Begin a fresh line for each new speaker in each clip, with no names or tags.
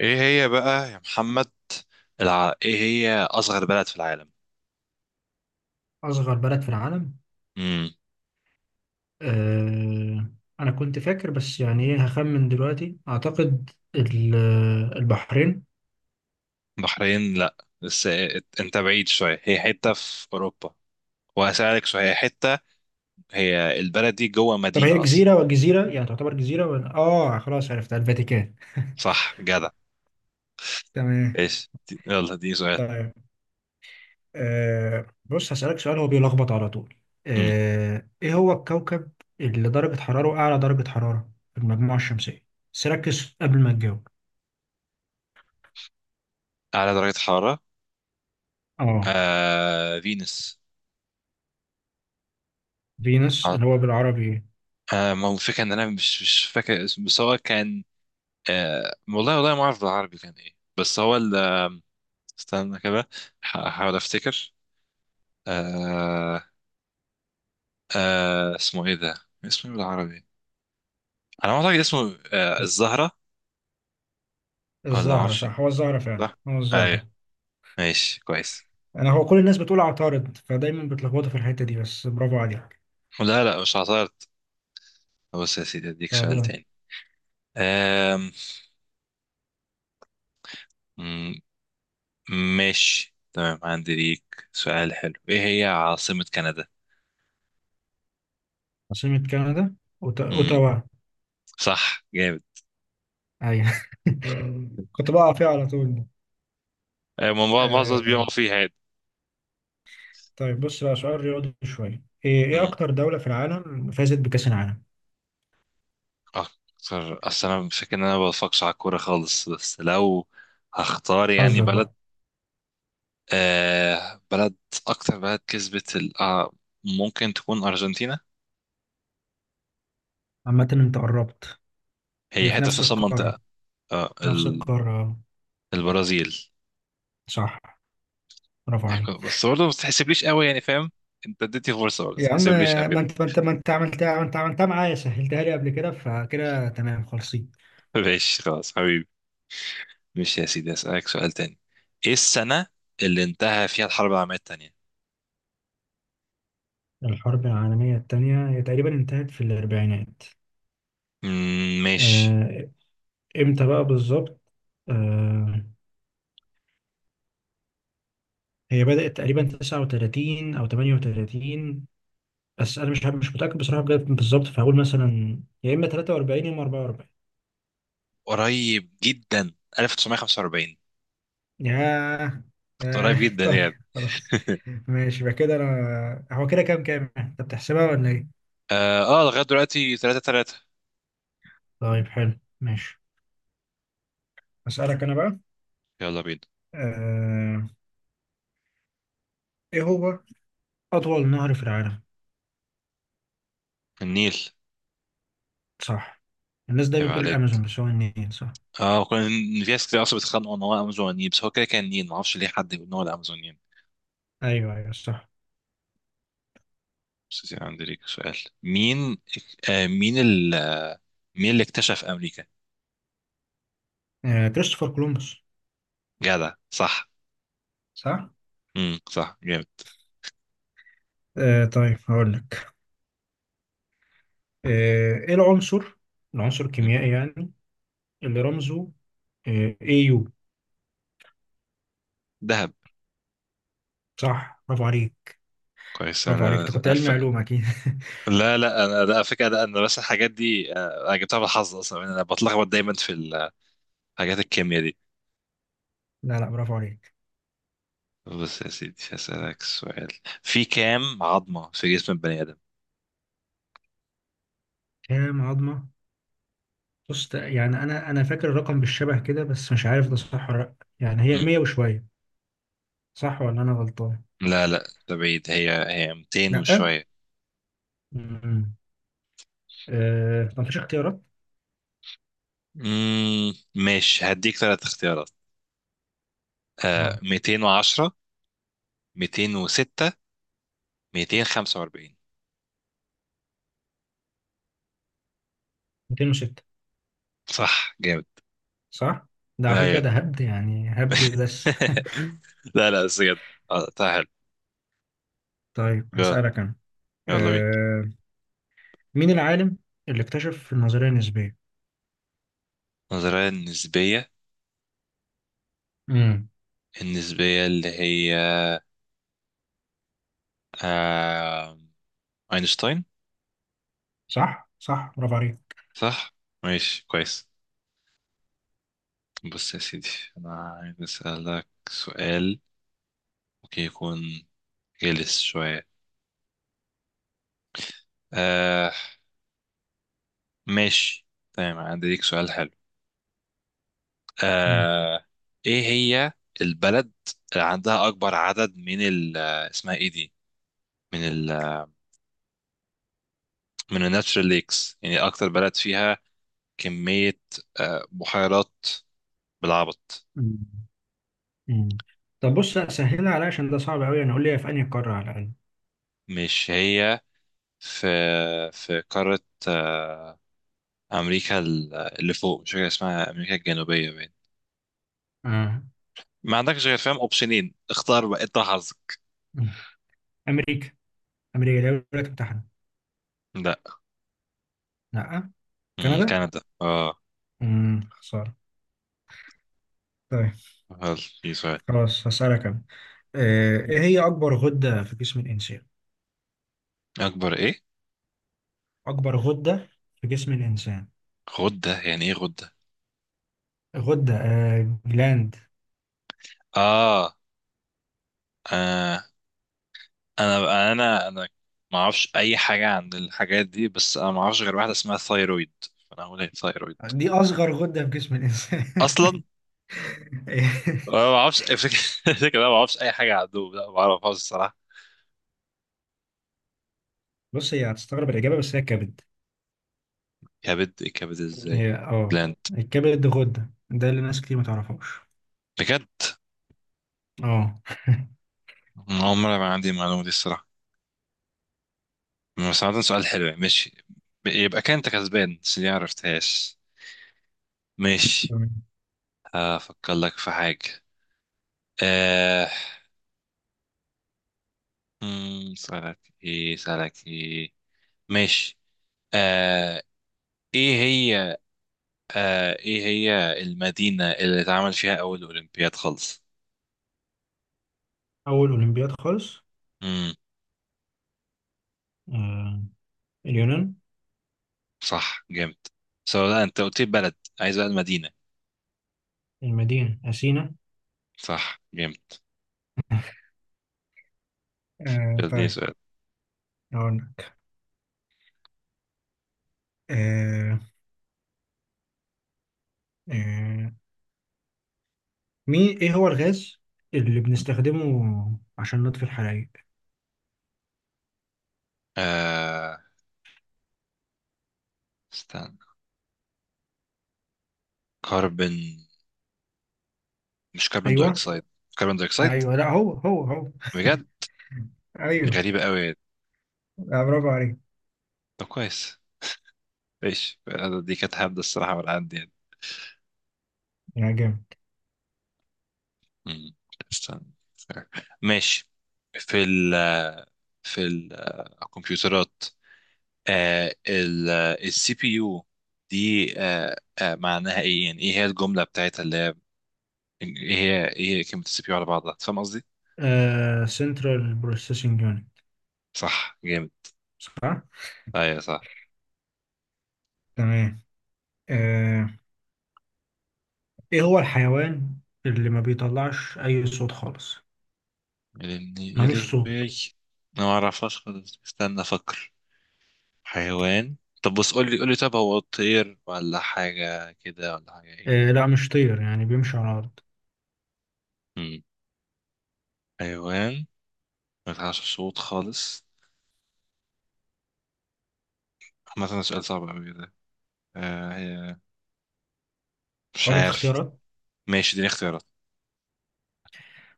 ايه هي بقى يا محمد؟ ايه هي اصغر بلد في العالم؟
أصغر بلد في العالم.
امم.
أه أنا كنت فاكر، بس يعني إيه، هخمن دلوقتي أعتقد ال- البحرين.
بحرين، لا. بس إيه، انت بعيد شويه، هي حته في اوروبا. وهسألك شويه هي حته. هي البلد دي جوه
طب هي
مدينه اصلا؟
جزيرة، وجزيرة يعني تعتبر جزيرة؟ ولا خلاص، عرفتها الفاتيكان.
صح، جدع.
تمام.
يلا، دي سؤال.
طيب بص، هسألك سؤال هو بيلخبط على طول.
امم.
إيه هو الكوكب اللي درجة حرارة أعلى درجة حرارة في المجموعة الشمسية؟ بس ركز قبل ما تجاوب.
اعلى درجه حراره.
آه
فينوس.
فينوس
آه...
اللي هو بالعربي إيه؟
ما هو الفكره ان انا مش فاكر اسمه، بس هو كان. والله والله ما اعرف بالعربي كان ايه، بس هو استنى كده. هحاول افتكر. آه... اسمه ايه ده؟ اسمه ايه بالعربي؟ انا ما اعتقد اسمه الزهرة. ولا
الزهرة
معرفش.
صح، هو الزهرة فعلا،
صح.
هو
ايوه.
الزهرة.
ماشي، كويس.
انا هو كل الناس بتقول عطارد، فدايما بتلخبطوا في الحته دي، بس برافو عليك.
لا، لا، مش عثرت. بص يا سيدي، اديك
طب
سؤال
يلا.
تاني. آم... مم، ماشي، تمام، عندي ليك سؤال حلو. ايه هي عاصمة كندا؟
عاصمة كندا.
مم.
اوتاوا.
صح، جامد.
ايوه. كنت بقع فيها على طول.
معظم الناس
آه.
بيقعوا فيها يعني.
طيب بص بقى، سؤال رياضي شويه. ايه إيه
مم.
اكتر دوله في العالم فازت بكاس العالم؟
اكتر؟ اصل انا فاكر ان انا ما بفكش على الكورة خالص، بس لو هختار يعني
حظك
بلد.
بقى.
بلد. أكتر بلد كسبت ممكن تكون أرجنتينا.
عامه انت قربت.
هي
هي في
حتة في
نفس
نفس
القاره.
المنطقة. آه
نفس
ال-
القاره.
البرازيل.
صح، برافو عليك.
بس برضه ما تحسبليش قوي يعني، فاهم؟ أنت اديتني فرصة، برضه ما
يا عم
تحسبليش قوي
ما
كده.
انت ما انت ما انت عملتها، ما انت عملتها معايا، سهلتها لي قبل كده، فكده تمام خالصين.
ماشي، خلاص حبيبي. ماشي يا سيدي، أسألك سؤال تاني. إيه السنة اللي انتهى فيها الحرب العالمية التانية؟
الحرب العالمية التانية هي تقريبا انتهت في الأربعينات.
مم، ماشي.
آه، إمتى بقى بالظبط؟ آه، هي بدأت تقريبا 39 أو 38. بس أنا مش متأكد بصراحة بجد بالظبط، فهقول مثلا يا إما 43 يا إما 44.
قريب جدا، 1945.
ياه. ياه
قريب جدا يعني.
طيب خلاص. ماشي، يبقى كده أنا هو كده كام؟ أنت بتحسبها ولا إيه؟
اه، لغاية دلوقتي 3-3.
طيب حلو ماشي. أسألك أنا بقى.
يلا بينا.
آه، إيه هو أطول نهر في العالم؟
النيل.
صح. الناس دايما
هيبقى
بتقول
عليك.
الامازون بس هو النيل. صح.
اه كان. في ناس كتير اصلا بيتخانقوا ان هو امازوني، بس هو كده كان نين معرفش ليه حد يقول ان هو الامازونيين.
ايوه، ايوه صح.
بس يعني عندي ليك سؤال. مين؟ آه مين ال... مين اللي اكتشف امريكا؟
كريستوفر كولومبوس.
جدع، صح.
صح.
صح، جامد.
طيب هقول لك. ايه العنصر، العنصر
مم.
الكيميائي يعني، اللي رمزه يو؟
دهب.
صح، برافو عليك.
كويس،
برافو عليك،
انا
انت كنت علمي علوم اكيد.
لا، لا، انا لا، على فكره، لا، انا بس الحاجات دي، انا جبتها بالحظ اصلا يعني، انا بتلخبط دايما في الحاجات. الكيمياء دي.
لا لا برافو عليك.
بص يا سيدي، هسألك سؤال. في كام عظمة في جسم البني آدم؟
كام عظمه؟ بص يعني انا فاكر الرقم بالشبه كده، بس مش عارف ده صح ولا لا. يعني هي
مم.
100 وشويه. صح ولا انا غلطان؟
لا، لا، ده بعيد، هي 200
لا.
وشوية.
امم. ما فيش اختيارات؟
ماشي، هديك ثلاث اختيارات.
اه
210. 206. 245.
206.
صح، جامد.
صح؟ ده على فكرة
ايوه.
ده هبد، يعني هبد بس.
لا، لا، بس بجد. طيب، حلو.
طيب
يلا.
هسألك أنا.
يلا بينا.
أه مين العالم اللي اكتشف النظرية النسبية؟
النظرية النسبية.
امم.
النسبية اللي هي آه اينشتاين.
صح؟ صح، برافو عليك.
صح. ماشي، كويس. بص يا سيدي. انا عايز اسألك سؤال. ممكن يكون جلس شوية. آه ماشي، تمام، عندي ليك سؤال حلو.
مم.
آه ايه هي البلد اللي عندها اكبر عدد من ال آه، اسمها ايه دي، من ال آه، من الناتشرال ليكس يعني، اكتر بلد فيها كمية، بحيرات، بالعبط.
مم. مم. طب بص سهلها عليا عشان ده صعب أوي، يعني قول لي في أنهي قارة على الأقل.
مش هي في في قارة، آه امريكا اللي فوق مش فاكر اسمها، امريكا الجنوبية باين.
آه.
ما عندكش غير، فاهم؟ اوبشنين، اختار بقى، انت حظك.
مم. أمريكا. أمريكا دي الولايات المتحدة؟
لا.
لأ. كندا؟
كندا، اه.
خسارة. طيب
هل في سؤال؟
خلاص هسألك أنا. إيه هي أكبر غدة في جسم الإنسان؟
اكبر ايه؟
أكبر غدة في جسم الإنسان،
غدة؟ يعني ايه غدة؟
غدة جلاند.
اه. آه، انا ما اعرفش اي حاجه عن الحاجات دي، بس انا ما اعرفش غير واحده اسمها ثايرويد. فانا هقول ايه، ثايرويد.
دي اصغر غده في جسم الانسان.
اصلا انا ما اعرفش الفكره. الفكرة، انا ما اعرفش اي حاجه عنه، لا، ما اعرفهاش الصراحه.
بص هي هتستغرب الاجابه، بس هي الكبد.
كبد؟ كبد ازاي؟
هي
بلاند؟
الكبد غده، ده اللي ناس كتير ما تعرفوش.
بجد؟
اه.
أنا اول مره ما عندي المعلومه دي الصراحه. بس عامة، سؤال حلو يعني، ماشي. يبقى كان انت كسبان، بس دي ما عرفتهاش. ماشي.
تمام.
هفكر لك في حاجه. آه... سألك ايه، سألك ايه؟ ماشي. آه... ايه هي ايه هي المدينة اللي اتعمل فيها اول اولمبياد خالص؟
اول اولمبياد خالص.
امم.
آه. اليونان.
صح، جامد. سؤال، لا، انت قلت لي بلد، عايز بقى المدينة.
المدينه اثينا.
صح، جامد.
آه.
دي
طيب
سؤال.
هقول لك. آه. آه. مين ايه هو الغاز اللي بنستخدمه عشان نطفي الحرايق؟
آه استنى. كربون. مش كربون
ايوه.
دايوكسيد؟ كربون دايوكسيد.
ايوه لا هو.
بجد؟
ايوه.
غريبة قوي.
لا برافو عليك.
طب، كويس. ايش، دي كانت هبدة الصراحة من عندي يعني.
يا جامد.
مم. استنى. ماشي. في ال في الكمبيوترات، السي بي يو دي، آه، معناها ايه يعني، ايه هي الجمله بتاعتها اللي هي ايه هي كلمه السي بي يو على بعضها، فاهم قصدي؟
سنترال بروسيسنج يونت.
صح، جامد.
صح؟
ايوه، صح.
تمام. آه، ايه هو الحيوان اللي ما بيطلعش اي صوت خالص،
لاني، يا
ملوش
لهوي.
صوت؟
انا ما اعرفهاش خالص، استنى افكر. حيوان. طب بص، قول لي قول لي، طب هو طير ولا حاجه كده، ولا حاجه ايه، ولا.
لا مش طير، يعني بيمشي على الارض.
مم. حيوان ما يطلعش صوت خالص. عامة ده سؤال صعب قوي ده. هي، مش
اقول لك
عارف.
اختيارات.
ماشي، دي اختيارات.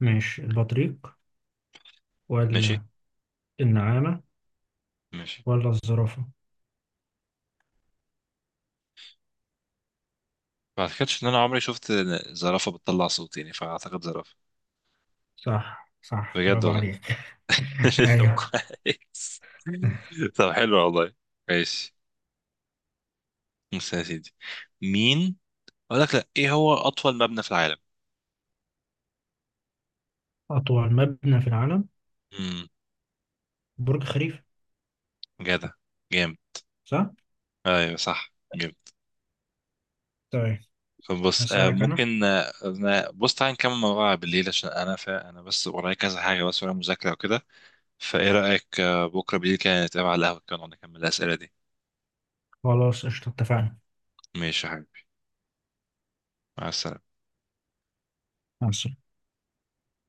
ماشي، البطريق
ماشي.
ولا النعامة
ماشي.
ولا الزرافة؟
ما اعتقدش ان انا عمري شفت زرافه بتطلع صوت يعني، فاعتقد زرافه.
صح، صح،
بجد
برافو
والله.
عليك.
طب،
ايوه.
كويس. طب، حلو والله. ماشي. بص يا سيدي، مين اقول لك، لا، ايه هو اطول مبنى في العالم؟
اطول مبنى في العالم؟
امم.
برج خليفة.
جدع، جامد.
صح؟
ايوه، صح، جامد.
طيب
طب بص،
هسألك انا.
ممكن، بص تعالى نكمل موضوع بالليل عشان انا انا بس ورايا كذا حاجه، بس ورايا مذاكره وكده. فايه رايك، بكره بالليل كده نتقابل على القهوه كده ونقعد نكمل الاسئله دي؟
خلاص قشطة اتفقنا.
ماشي يا حبيبي. مع السلامه.
مع السلامة.